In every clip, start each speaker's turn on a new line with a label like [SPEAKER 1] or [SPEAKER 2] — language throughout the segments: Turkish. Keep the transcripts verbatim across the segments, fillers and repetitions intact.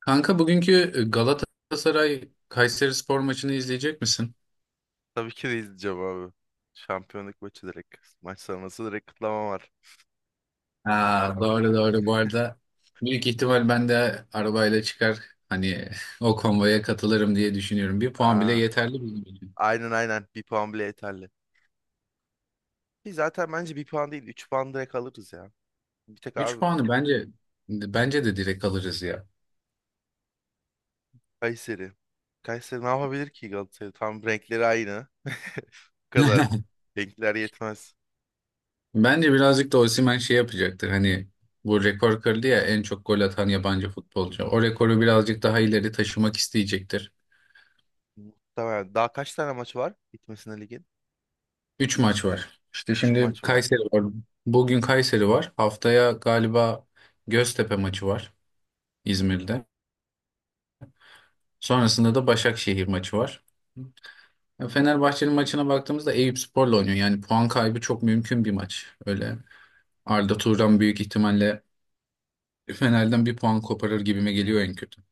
[SPEAKER 1] Kanka bugünkü e, Galatasaray Kayserispor maçını izleyecek misin?
[SPEAKER 2] Tabii ki de izleyeceğim abi. Şampiyonluk maçı direkt. Maç sonrası direkt kutlama var.
[SPEAKER 1] Ha, Doğru doğru bu arada, büyük ihtimal ben de arabayla çıkar, hani o konvoya katılırım diye düşünüyorum. Bir puan bile
[SPEAKER 2] Aa,
[SPEAKER 1] yeterli bizim için.
[SPEAKER 2] aynen aynen. Bir puan bile yeterli. Ki zaten bence bir puan değil. Üç puan direkt alırız ya. Bir tek
[SPEAKER 1] Üç
[SPEAKER 2] abi
[SPEAKER 1] puanı bence bence de direkt alırız ya.
[SPEAKER 2] Kayseri. Kayseri ne yapabilir ki Galatasaray? Tam renkleri aynı. Bu kadar. Renkler yetmez.
[SPEAKER 1] Bence birazcık da Osimhen şey yapacaktır, hani bu rekor kırdı ya, en çok gol atan yabancı futbolcu. O rekoru birazcık daha ileri taşımak isteyecektir.
[SPEAKER 2] Muhtemelen. Daha kaç tane maç var gitmesine ligin?
[SPEAKER 1] Üç maç var. İşte
[SPEAKER 2] Üç
[SPEAKER 1] şimdi
[SPEAKER 2] maç var.
[SPEAKER 1] Kayseri var. Bugün Kayseri var. Haftaya galiba Göztepe maçı var, İzmir'de. Sonrasında da Başakşehir maçı var. Ya, Fenerbahçe'nin maçına baktığımızda Eyüpspor'la oynuyor. Yani puan kaybı çok mümkün bir maç. Öyle Arda Turan büyük ihtimalle Fener'den bir puan koparır gibime geliyor en kötü.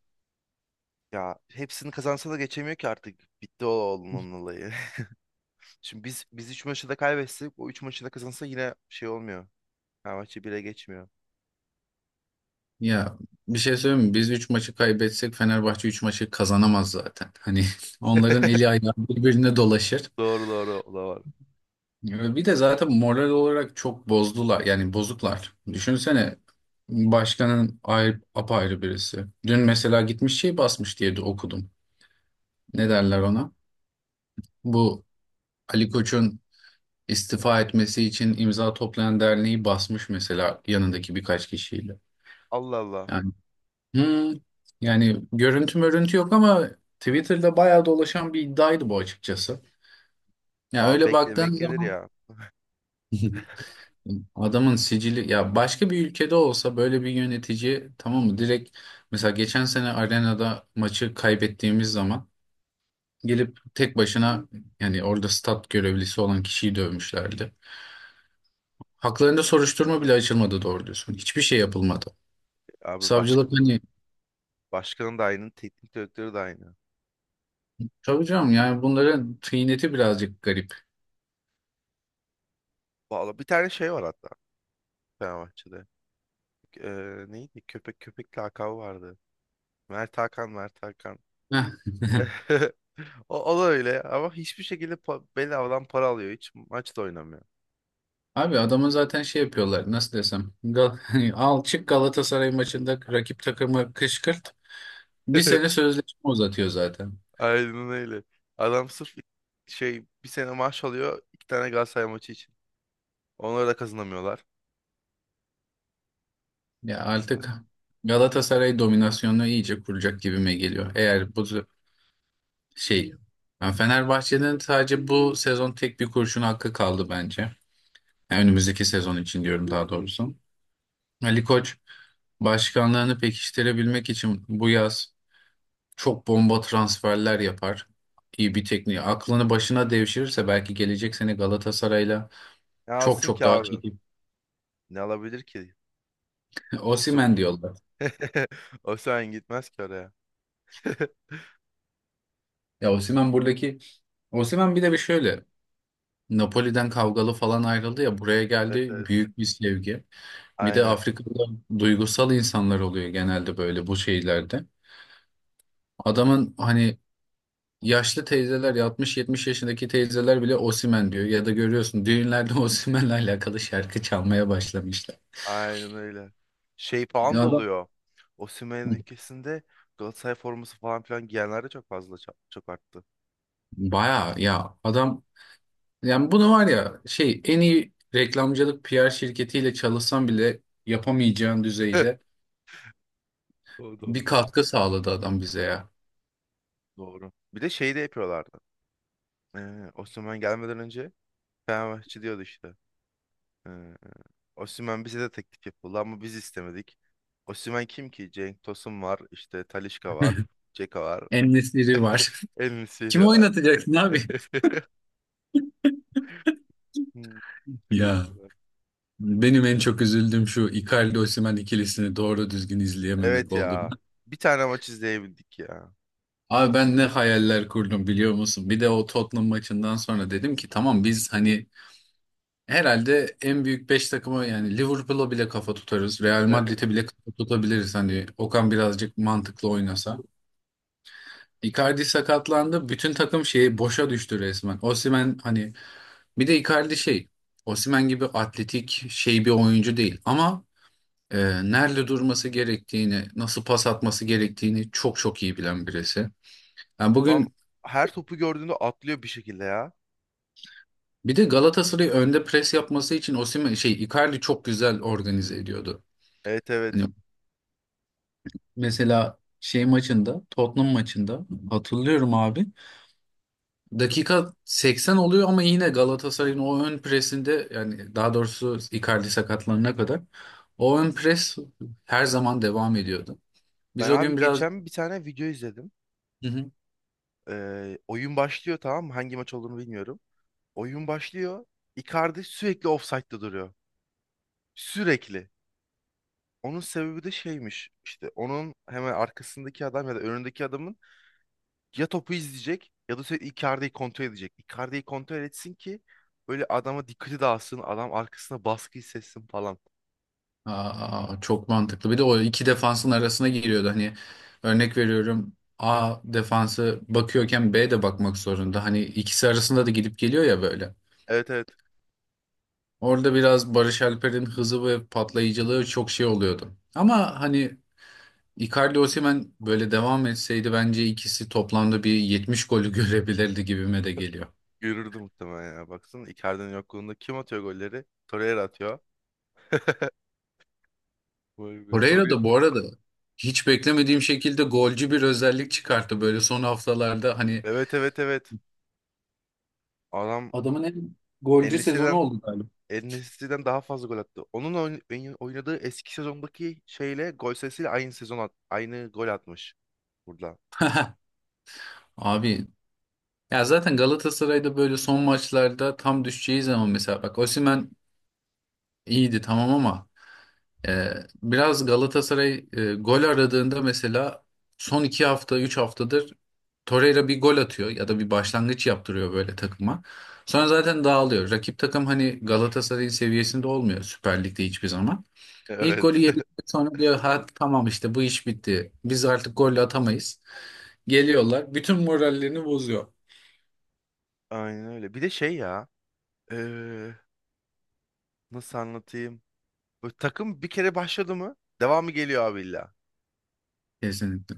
[SPEAKER 2] Ya hepsini kazansa da geçemiyor ki artık. Bitti o onun olayı. Şimdi biz biz üç maçı da kaybetsek o üç maçı da kazansa yine şey olmuyor. Fenerbahçe bile geçmiyor.
[SPEAKER 1] Ya bir şey söyleyeyim mi? Biz üç maçı kaybetsek Fenerbahçe üç maçı kazanamaz zaten. Hani onların eli ayağı birbirine dolaşır.
[SPEAKER 2] Doğru doğru o da var.
[SPEAKER 1] Ya, bir de zaten moral olarak çok bozdular. Yani bozuklar. Düşünsene, başkanın ayrı, apayrı birisi. Dün mesela gitmiş şey basmış diye de okudum. Ne derler ona? Bu Ali Koç'un istifa etmesi için imza toplayan derneği basmış mesela, yanındaki birkaç kişiyle.
[SPEAKER 2] Allah Allah.
[SPEAKER 1] Yani hmm, yani görüntü mörüntü yok ama Twitter'da bayağı dolaşan bir iddiaydı bu, açıkçası. Ya
[SPEAKER 2] Aa,
[SPEAKER 1] öyle
[SPEAKER 2] bekle
[SPEAKER 1] baktığın
[SPEAKER 2] beklenir
[SPEAKER 1] zaman
[SPEAKER 2] ya.
[SPEAKER 1] adamın sicili, ya başka bir ülkede olsa böyle bir yönetici, tamam mı, direkt. Mesela geçen sene arenada maçı kaybettiğimiz zaman gelip tek başına, yani orada stat görevlisi olan kişiyi dövmüşlerdi. Haklarında soruşturma bile açılmadı, doğru diyorsun. Hiçbir şey yapılmadı.
[SPEAKER 2] Abi başka
[SPEAKER 1] Savcılık hani,
[SPEAKER 2] başkanın da aynı, teknik direktörü de aynı.
[SPEAKER 1] tabii canım, yani bunların tıyneti birazcık garip.
[SPEAKER 2] Vallahi bir tane şey var hatta Fenerbahçe'de. Ee, neydi? Köpek köpek lakabı vardı. Mert Hakan, Mert Hakan.
[SPEAKER 1] Heh.
[SPEAKER 2] O, o da öyle ama hiçbir şekilde pa bedavadan para alıyor. Hiç maçta oynamıyor.
[SPEAKER 1] Abi adamın zaten şey yapıyorlar, nasıl desem, Gal al çık, Galatasaray maçında rakip takımı kışkırt, bir sene sözleşme uzatıyor zaten.
[SPEAKER 2] Aynen öyle. Adam sırf şey bir sene maaş alıyor iki tane Galatasaray maçı için. Onları da kazanamıyorlar.
[SPEAKER 1] Ya artık Galatasaray dominasyonunu iyice kuracak gibime geliyor. Eğer bu z- şey yani Fenerbahçe'nin sadece bu sezon tek bir kurşun hakkı kaldı bence. Yani önümüzdeki sezon için diyorum, daha doğrusu. Ali Koç başkanlığını pekiştirebilmek için bu yaz çok bomba transferler yapar. İyi bir tekniği. Aklını başına devşirirse belki gelecek sene Galatasaray'la
[SPEAKER 2] Ne
[SPEAKER 1] çok
[SPEAKER 2] alsın
[SPEAKER 1] çok
[SPEAKER 2] ki
[SPEAKER 1] daha
[SPEAKER 2] abi?
[SPEAKER 1] çekip.
[SPEAKER 2] Ne alabilir ki? Osman.
[SPEAKER 1] Osimhen diyorlar.
[SPEAKER 2] Osman gitmez ki oraya.
[SPEAKER 1] Ya Osimhen buradaki Osimhen bir de bir şöyle. Napoli'den kavgalı falan ayrıldı ya, buraya
[SPEAKER 2] Evet
[SPEAKER 1] geldi
[SPEAKER 2] evet.
[SPEAKER 1] büyük bir sevgi. Bir de
[SPEAKER 2] Aynen.
[SPEAKER 1] Afrika'da duygusal insanlar oluyor genelde, böyle bu şeylerde. Adamın hani yaşlı teyzeler, altmış yetmiş yaşındaki teyzeler bile Osimhen diyor ya da görüyorsun düğünlerde Osimhen'le alakalı şarkı çalmaya başlamışlar.
[SPEAKER 2] Aynen öyle. Şey falan
[SPEAKER 1] Ya
[SPEAKER 2] da
[SPEAKER 1] adam
[SPEAKER 2] oluyor. Osimhen'in ülkesinde Galatasaray forması falan filan giyenler de çok fazla ça- çok arttı.
[SPEAKER 1] baya ya adam yani bunu, var ya, şey en iyi reklamcılık P R şirketiyle çalışsam bile yapamayacağın düzeyde
[SPEAKER 2] O
[SPEAKER 1] bir
[SPEAKER 2] Doğru.
[SPEAKER 1] katkı sağladı adam bize ya.
[SPEAKER 2] Doğru. Bir de şey de yapıyorlardı. Ee, Osimhen gelmeden önce Fenerbahçe diyordu işte. Ee, Osimhen bize de teklif yapıldı ama biz istemedik. Osimhen kim ki? Cenk Tosun var, işte Talisca var, Ceka var,
[SPEAKER 1] En var.
[SPEAKER 2] El
[SPEAKER 1] Kim
[SPEAKER 2] Nesiri var.
[SPEAKER 1] oynatacaksın abi?
[SPEAKER 2] Hmm. Şaka
[SPEAKER 1] Ya
[SPEAKER 2] gibi.
[SPEAKER 1] benim en çok üzüldüğüm şu Icardi Osimhen ikilisini doğru düzgün izleyememek
[SPEAKER 2] Evet
[SPEAKER 1] oldu.
[SPEAKER 2] ya. Bir tane maç izleyebildik ya.
[SPEAKER 1] Abi ben ne hayaller kurdum biliyor musun? Bir de o Tottenham maçından sonra dedim ki tamam, biz hani herhalde en büyük beş takıma, yani Liverpool'a bile kafa tutarız. Real
[SPEAKER 2] Evet.
[SPEAKER 1] Madrid'e bile kafa tutabiliriz hani Okan birazcık mantıklı oynasa. Icardi sakatlandı. Bütün takım şeyi boşa düştü resmen. Osimhen hani, bir de Icardi şey Osimhen gibi atletik şey bir oyuncu değil ama e, nerede durması gerektiğini, nasıl pas atması gerektiğini çok çok iyi bilen birisi. Yani
[SPEAKER 2] Adam
[SPEAKER 1] bugün
[SPEAKER 2] her topu gördüğünde atlıyor bir şekilde ya.
[SPEAKER 1] bir de Galatasaray'ı önde pres yapması için Osimhen şey Icardi çok güzel organize ediyordu.
[SPEAKER 2] Evet
[SPEAKER 1] Hani
[SPEAKER 2] evet.
[SPEAKER 1] mesela şey maçında, Tottenham maçında hatırlıyorum abi. Dakika seksen oluyor ama yine Galatasaray'ın o ön presinde, yani daha doğrusu Icardi sakatlanana kadar, o ön pres her zaman devam ediyordu. Biz
[SPEAKER 2] Ben
[SPEAKER 1] o gün
[SPEAKER 2] abi
[SPEAKER 1] biraz.
[SPEAKER 2] geçen bir tane video izledim. Ee, oyun başlıyor tamam mı? Hangi maç olduğunu bilmiyorum. Oyun başlıyor. Icardi sürekli offside'da duruyor. Sürekli. Onun sebebi de şeymiş. İşte onun hemen arkasındaki adam ya da önündeki adamın ya topu izleyecek ya da sürekli Icardi'yi kontrol edecek. Icardi'yi kontrol etsin ki böyle adama dikkati dağılsın, adam arkasına baskı hissetsin falan.
[SPEAKER 1] Aa, çok mantıklı. Bir de o iki defansın arasına giriyordu. Hani örnek veriyorum, A defansı bakıyorken B de bakmak zorunda. Hani ikisi arasında da gidip geliyor ya böyle.
[SPEAKER 2] Evet evet.
[SPEAKER 1] Orada biraz Barış Alper'in hızı ve patlayıcılığı çok şey oluyordu. Ama hani Icardi Osimhen böyle devam etseydi bence ikisi toplamda bir yetmiş golü görebilirdi gibime de geliyor.
[SPEAKER 2] Görürdü muhtemelen ya. Baksana Icardi'nin yokluğunda kim atıyor golleri? Torreira atıyor. Vay be
[SPEAKER 1] Torreira
[SPEAKER 2] Torreira.
[SPEAKER 1] da bu arada hiç beklemediğim şekilde golcü bir özellik çıkarttı böyle son haftalarda, hani
[SPEAKER 2] Evet evet evet. Adam
[SPEAKER 1] adamın en
[SPEAKER 2] En
[SPEAKER 1] golcü sezonu oldu galiba.
[SPEAKER 2] En-Nesyri'den daha fazla gol attı. Onun oyn- oyn- oynadığı eski sezondaki şeyle gol sayısıyla aynı sezon at aynı gol atmış burada.
[SPEAKER 1] Abi ya zaten Galatasaray'da böyle son maçlarda tam düşeceği zaman, mesela bak Osimhen iyiydi tamam ama e, biraz Galatasaray e, gol aradığında mesela son iki hafta üç haftadır Torreira bir gol atıyor ya da bir başlangıç yaptırıyor böyle takıma. Sonra zaten dağılıyor. Rakip takım hani Galatasaray'ın seviyesinde olmuyor Süper Lig'de hiçbir zaman. İlk
[SPEAKER 2] Evet.
[SPEAKER 1] golü yedikten sonra diyor ha tamam, işte bu iş bitti. Biz artık gol atamayız. Geliyorlar. Bütün morallerini bozuyor.
[SPEAKER 2] Aynen öyle. Bir de şey ya. Nasıl anlatayım? Böyle takım bir kere başladı mı devamı geliyor abi illa.
[SPEAKER 1] Kesinlikle.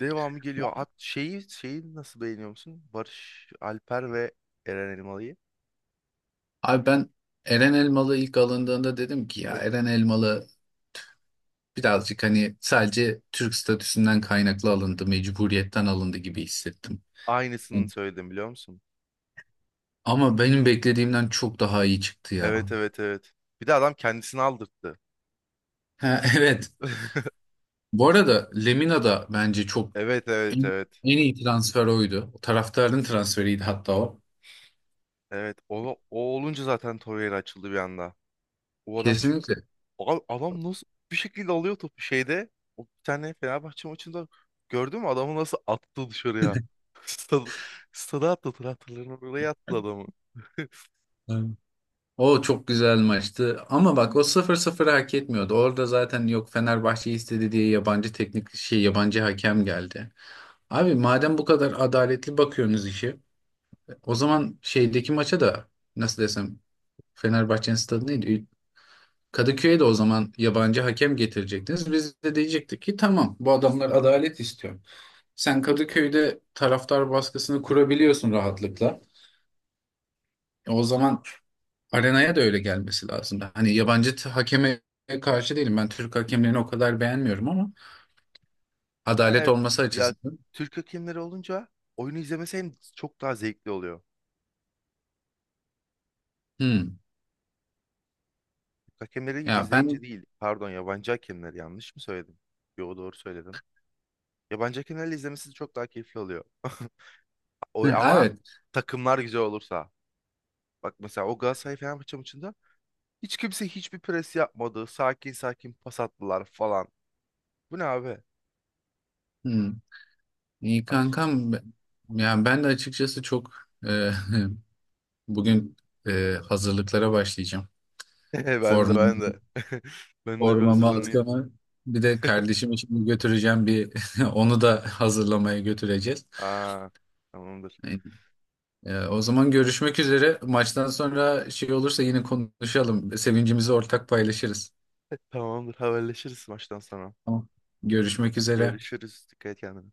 [SPEAKER 2] Devamı geliyor. At şeyi şeyi nasıl beğeniyor musun? Barış Alper ve Eren Elmalı'yı.
[SPEAKER 1] Abi ben, Eren Elmalı ilk alındığında dedim ki ya Eren Elmalı birazcık hani sadece Türk statüsünden kaynaklı alındı, mecburiyetten alındı gibi hissettim.
[SPEAKER 2] Aynısını söyledim biliyor musun?
[SPEAKER 1] Ama benim beklediğimden çok daha iyi çıktı ya.
[SPEAKER 2] Evet evet evet. Bir de adam kendisini aldırttı.
[SPEAKER 1] Ha, evet. Bu arada Lemina da bence çok,
[SPEAKER 2] Evet
[SPEAKER 1] en,
[SPEAKER 2] evet evet.
[SPEAKER 1] en iyi transfer oydu. Taraftarın transferiydi hatta o.
[SPEAKER 2] Evet o, o olunca zaten Torreira açıldı bir anda. O adam çünkü
[SPEAKER 1] Kesinlikle.
[SPEAKER 2] abi adam nasıl bir şekilde alıyor topu şeyde. O bir tane Fenerbahçe maçında gördün mü adamı nasıl attı dışarıya? Stada, stada attı traktörlerini oraya attı adamı.
[SPEAKER 1] O çok güzel maçtı. Ama bak o sıfır 0 hak etmiyordu. Orada zaten, yok Fenerbahçe istedi diye yabancı teknik şey yabancı hakem geldi. Abi madem bu kadar adaletli bakıyorsunuz işi, o zaman şeydeki maça da, nasıl desem, Fenerbahçe'nin stadı neydi? Kadıköy'e de o zaman yabancı hakem getirecektiniz. Biz de diyecektik ki tamam, bu adamlar adalet istiyor. Sen Kadıköy'de taraftar baskısını kurabiliyorsun rahatlıkla. E, o zaman arenaya da öyle gelmesi lazım. Hani yabancı t- hakeme karşı değilim. Ben Türk hakemlerini o kadar beğenmiyorum ama adalet
[SPEAKER 2] Evet
[SPEAKER 1] olması
[SPEAKER 2] ya,
[SPEAKER 1] açısından.
[SPEAKER 2] Türk hakemleri olunca oyunu izlemesi hem çok daha zevkli oluyor.
[SPEAKER 1] Hmm.
[SPEAKER 2] Türk hakemleri
[SPEAKER 1] Ya ben.
[SPEAKER 2] izleyince değil, pardon, yabancı hakemleri, yanlış mı söyledim? Yo, doğru söyledim. Yabancı hakemlerle izlemesi çok daha keyifli oluyor. O,
[SPEAKER 1] Hı,
[SPEAKER 2] ama
[SPEAKER 1] evet.
[SPEAKER 2] takımlar güzel olursa. Bak mesela o Galatasaray Fenerbahçe maçında Hiç kimse hiçbir pres yapmadı. Sakin sakin pas attılar falan. Bu ne abi?
[SPEAKER 1] Hmm. İyi
[SPEAKER 2] Ay.
[SPEAKER 1] kankam. Yani ben de açıkçası çok, e, bugün e, hazırlıklara başlayacağım.
[SPEAKER 2] Ben de
[SPEAKER 1] Formam,
[SPEAKER 2] ben de. Ben de bir
[SPEAKER 1] formama,
[SPEAKER 2] hazırlanayım.
[SPEAKER 1] atkama. Bir de kardeşim için götüreceğim bir, onu da hazırlamaya götüreceğiz.
[SPEAKER 2] Aa, tamamdır.
[SPEAKER 1] Hani, Ee, o zaman görüşmek üzere. Maçtan sonra şey olursa yine konuşalım. Sevincimizi ortak paylaşırız.
[SPEAKER 2] Tamamdır. Haberleşiriz maçtan sonra.
[SPEAKER 1] Tamam. Görüşmek üzere.
[SPEAKER 2] Görüşürüz. Dikkat et kendine.